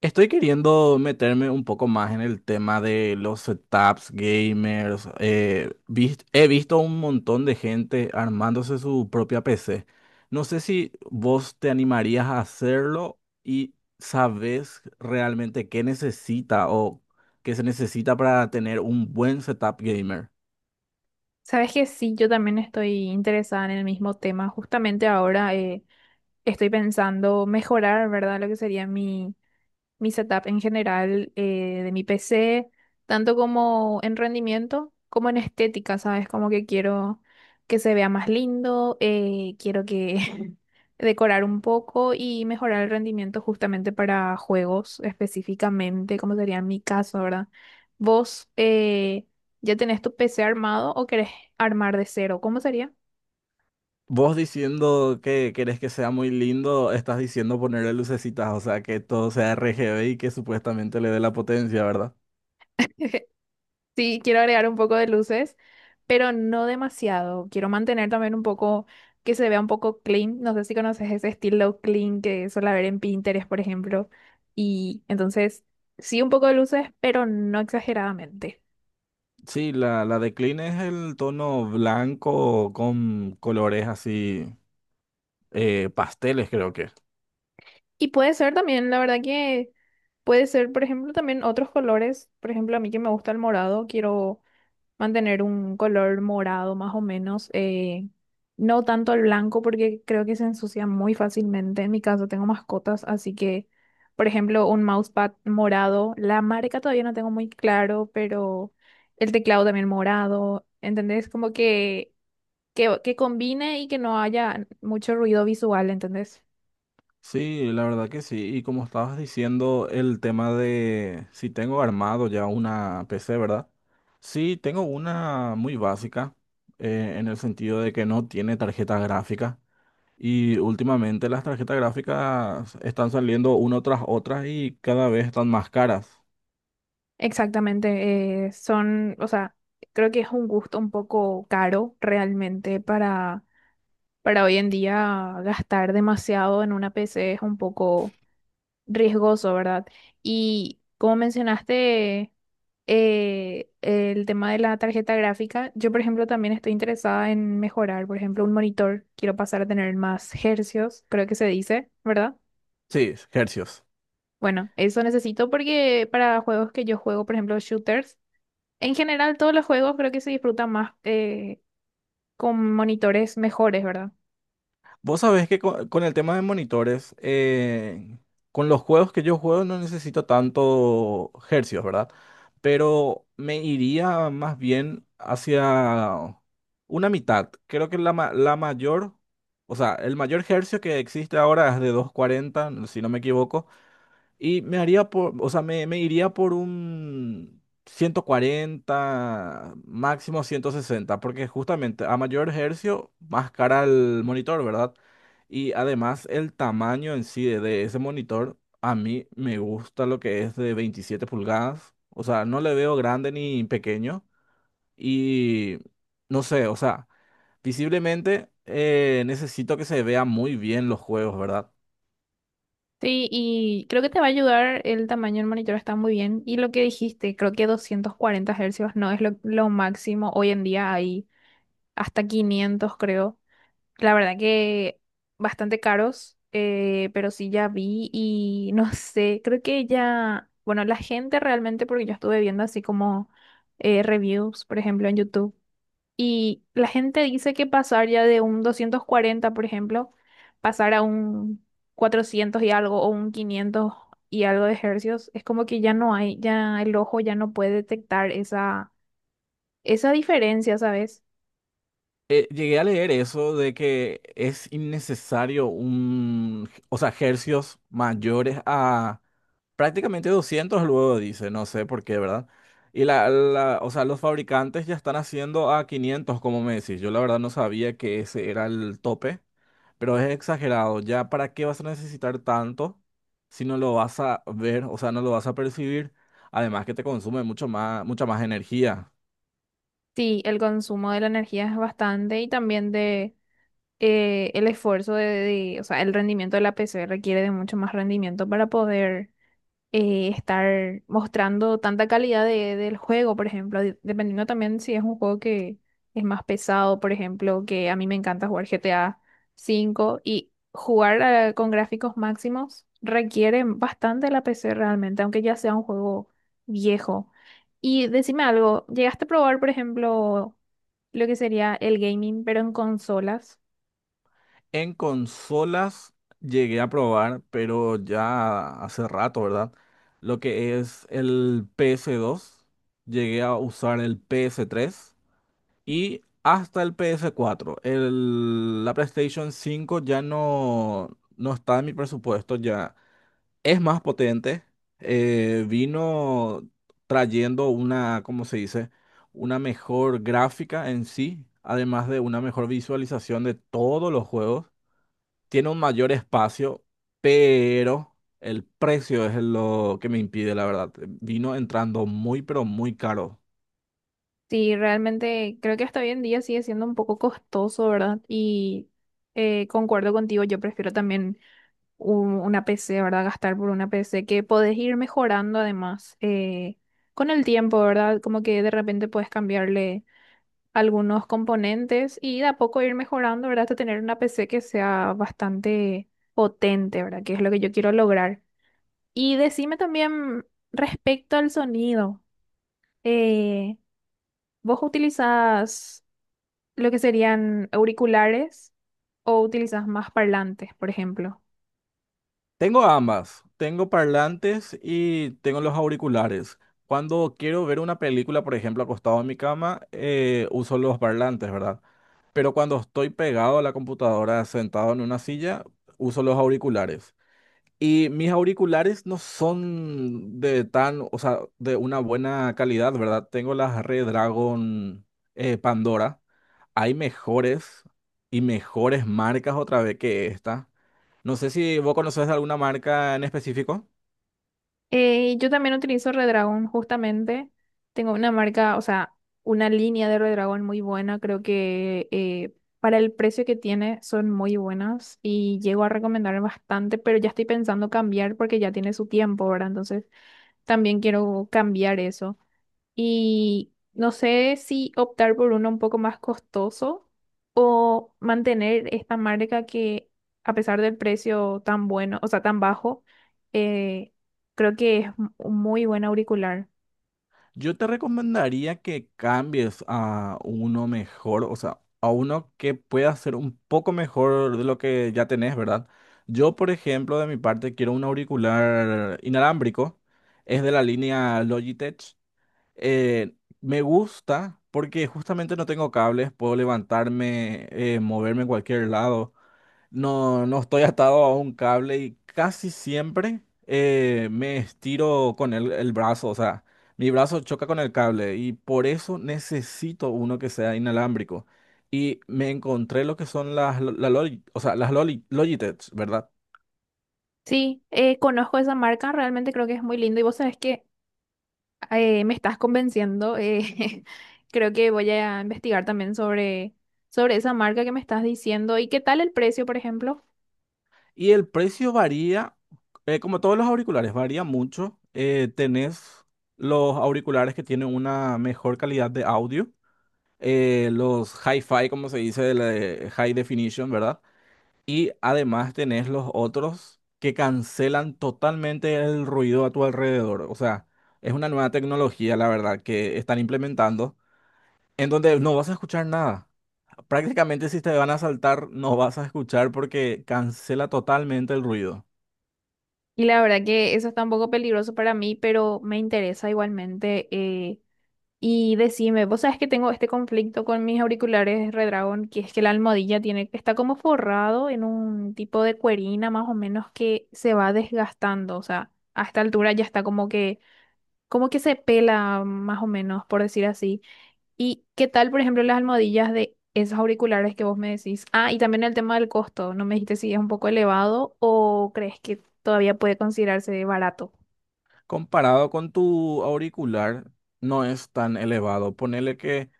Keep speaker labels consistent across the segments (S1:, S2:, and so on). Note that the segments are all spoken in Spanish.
S1: Estoy queriendo meterme un poco más en el tema de los setups gamers. He visto un montón de gente armándose su propia PC. No sé si vos te animarías a hacerlo y sabes realmente qué necesita o qué se necesita para tener un buen setup gamer.
S2: Sabes que sí, yo también estoy interesada en el mismo tema. Justamente ahora estoy pensando mejorar, ¿verdad? Lo que sería mi setup en general, de mi PC, tanto como en rendimiento como en estética, ¿sabes? Como que quiero que se vea más lindo. Quiero que decorar un poco y mejorar el rendimiento justamente para juegos específicamente, como sería en mi caso, ¿verdad? ¿Vos ya tenés tu PC armado o querés armar de cero? ¿Cómo sería?
S1: Vos diciendo que querés que sea muy lindo, estás diciendo ponerle lucecitas, o sea, que todo sea RGB y que supuestamente le dé la potencia, ¿verdad?
S2: Sí, quiero agregar un poco de luces, pero no demasiado. Quiero mantener también un poco que se vea un poco clean. No sé si conoces ese estilo clean que suele ver en Pinterest, por ejemplo. Y entonces, sí, un poco de luces, pero no exageradamente.
S1: Sí, la de Clean es el tono blanco con colores así, pasteles creo que es.
S2: Y puede ser también, la verdad que puede ser, por ejemplo, también otros colores. Por ejemplo, a mí que me gusta el morado, quiero mantener un color morado más o menos. No tanto el blanco porque creo que se ensucia muy fácilmente. En mi caso tengo mascotas, así que, por ejemplo, un mousepad morado, la marca todavía no tengo muy claro, pero el teclado también morado, ¿entendés? Como que, que combine y que no haya mucho ruido visual, ¿entendés?
S1: Sí, la verdad que sí. Y como estabas diciendo, el tema de si tengo armado ya una PC, ¿verdad? Sí, tengo una muy básica, en el sentido de que no tiene tarjeta gráfica. Y últimamente las tarjetas gráficas están saliendo una tras otra y cada vez están más caras.
S2: Exactamente, son, o sea, creo que es un gusto un poco caro realmente para... Para hoy en día gastar demasiado en una PC es un poco riesgoso, ¿verdad? Y como mencionaste, el tema de la tarjeta gráfica, yo por ejemplo también estoy interesada en mejorar, por ejemplo, un monitor, quiero pasar a tener más hercios, creo que se dice, ¿verdad?
S1: Sí, hercios.
S2: Bueno, eso necesito porque para juegos que yo juego, por ejemplo, shooters, en general todos los juegos creo que se disfrutan más con monitores mejores, ¿verdad?
S1: Vos sabés que con el tema de monitores, con los juegos que yo juego no necesito tanto hercios, ¿verdad? Pero me iría más bien hacia una mitad. Creo que la mayor, o sea, el mayor hercio que existe ahora es de 240 si no me equivoco. Y me haría por, o sea, me iría por un 140 máximo 160 porque justamente a mayor hercio, más cara el monitor, ¿verdad? Y además el tamaño en sí de ese monitor, a mí me gusta lo que es de 27 pulgadas, o sea, no le veo grande ni pequeño, y no sé, o sea, visiblemente necesito que se vea muy bien los juegos, ¿verdad?
S2: Sí, y creo que te va a ayudar, el tamaño del monitor está muy bien. Y lo que dijiste, creo que 240 hercios no es lo máximo. Hoy en día hay hasta 500 creo. La verdad que bastante caros, pero sí ya vi y no sé, creo que ya, bueno, la gente realmente, porque yo estuve viendo así como reviews, por ejemplo, en YouTube. Y la gente dice que pasar ya de un 240 por ejemplo, pasar a un 400 y algo o un 500 y algo de hercios, es como que ya no hay, ya el ojo ya no puede detectar esa, esa diferencia, ¿sabes?
S1: Llegué a leer eso de que es innecesario un, o sea, hercios mayores a prácticamente 200 luego dice, no sé por qué, ¿verdad? Y o sea, los fabricantes ya están haciendo a 500, como me decís. Yo la verdad no sabía que ese era el tope, pero es exagerado. ¿Ya para qué vas a necesitar tanto si no lo vas a ver, o sea, no lo vas a percibir? Además que te consume mucho más, mucha más energía.
S2: Sí, el consumo de la energía es bastante y también de... el esfuerzo de- o sea, el rendimiento de la PC requiere de mucho más rendimiento para poder estar mostrando tanta calidad de- del juego, por ejemplo, de- dependiendo también si es un juego que es más pesado, por ejemplo, que a mí me encanta jugar GTA 5 y jugar con gráficos máximos requiere bastante la PC realmente, aunque ya sea un juego viejo. Y decime algo, ¿llegaste a probar, por ejemplo, lo que sería el gaming, pero en consolas?
S1: En consolas llegué a probar, pero ya hace rato, ¿verdad? Lo que es el PS2 llegué a usar el PS3 y hasta el PS4. La PlayStation 5 ya no, no está en mi presupuesto, ya es más potente. Vino trayendo una, ¿cómo se dice? Una mejor gráfica en sí, además de una mejor visualización de todos los juegos tiene un mayor espacio, pero el precio es lo que me impide, la verdad. Vino entrando muy, pero muy caro.
S2: Sí, realmente creo que hasta hoy en día sigue siendo un poco costoso, ¿verdad? Y concuerdo contigo, yo prefiero también una PC, ¿verdad? Gastar por una PC que podés ir mejorando además, con el tiempo, ¿verdad? Como que de repente puedes cambiarle algunos componentes y de a poco ir mejorando, ¿verdad? Hasta tener una PC que sea bastante potente, ¿verdad? Que es lo que yo quiero lograr. Y decime también respecto al sonido. Eh, ¿Vos utilizás lo que serían auriculares o utilizas más parlantes, por ejemplo?
S1: Tengo ambas. Tengo parlantes y tengo los auriculares. Cuando quiero ver una película, por ejemplo, acostado en mi cama, uso los parlantes, ¿verdad? Pero cuando estoy pegado a la computadora, sentado en una silla, uso los auriculares. Y mis auriculares no son de tan, o sea, de una buena calidad, ¿verdad? Tengo las Redragon Pandora. Hay mejores y mejores marcas otra vez que esta. No sé si vos conoces alguna marca en específico.
S2: Yo también utilizo Redragon, justamente. Tengo una marca, o sea, una línea de Redragon muy buena. Creo que para el precio que tiene son muy buenas y llego a recomendar bastante, pero ya estoy pensando cambiar porque ya tiene su tiempo, ¿verdad? Entonces también quiero cambiar eso. Y no sé si optar por uno un poco más costoso o mantener esta marca que a pesar del precio tan bueno, o sea, tan bajo, eh, creo que es un muy buen auricular.
S1: Yo te recomendaría que cambies a uno mejor, o sea, a uno que pueda ser un poco mejor de lo que ya tenés, ¿verdad? Yo, por ejemplo, de mi parte, quiero un auricular inalámbrico, es de la línea Logitech. Eh, me gusta porque justamente no tengo cables, puedo levantarme, moverme en cualquier lado. No, no estoy atado a un cable y casi siempre me estiro con el brazo, o sea, mi brazo choca con el cable y por eso necesito uno que sea inalámbrico. Y me encontré lo que son las, lo- la Loli- o sea, las Logitech, ¿verdad?
S2: Sí, conozco esa marca, realmente creo que es muy lindo y vos sabés que me estás convenciendo. Creo que voy a investigar también sobre esa marca que me estás diciendo y qué tal el precio, por ejemplo.
S1: Y el precio varía, como todos los auriculares, varía mucho. Tenés los auriculares que tienen una mejor calidad de audio, los hi-fi, como se dice, de high definition, ¿verdad? Y además tenés los otros que cancelan totalmente el ruido a tu alrededor. O sea, es una nueva tecnología, la verdad, que están implementando, en donde no vas a escuchar nada. Prácticamente si te van a saltar no vas a escuchar porque cancela totalmente el ruido.
S2: Y la verdad que eso está un poco peligroso para mí, pero me interesa igualmente. Y decime, vos sabés que tengo este conflicto con mis auriculares Redragon, que es que la almohadilla tiene, está como forrado en un tipo de cuerina más o menos que se va desgastando. O sea, a esta altura ya está como que se pela más o menos, por decir así. ¿Y qué tal, por ejemplo, las almohadillas de esos auriculares que vos me decís? Ah, y también el tema del costo. ¿No me dijiste si es un poco elevado o crees que todavía puede considerarse barato?
S1: Comparado con tu auricular, no es tan elevado. Ponele que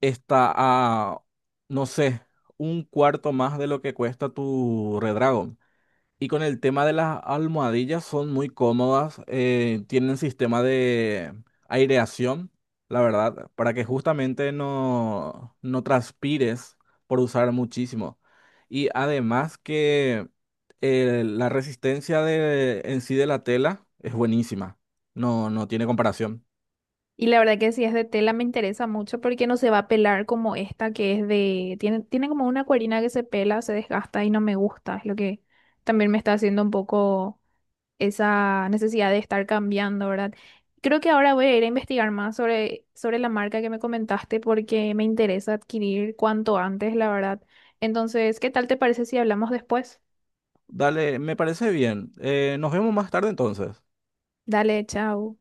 S1: está a, no sé, un cuarto más de lo que cuesta tu Redragon. Y con el tema de las almohadillas, son muy cómodas, tienen sistema de aireación, la verdad, para que justamente no transpires por usar muchísimo. Y además que la resistencia en sí de la tela es buenísima, no tiene comparación.
S2: Y la verdad que si es de tela me interesa mucho porque no se va a pelar como esta que es de... Tiene, tiene como una cuerina que se pela, se desgasta y no me gusta. Es lo que también me está haciendo un poco... esa necesidad de estar cambiando, ¿verdad? Creo que ahora voy a ir a investigar más sobre la marca que me comentaste porque me interesa adquirir cuanto antes, la verdad. Entonces, ¿qué tal te parece si hablamos después?
S1: Dale, me parece bien. Nos vemos más tarde entonces.
S2: Dale, chao.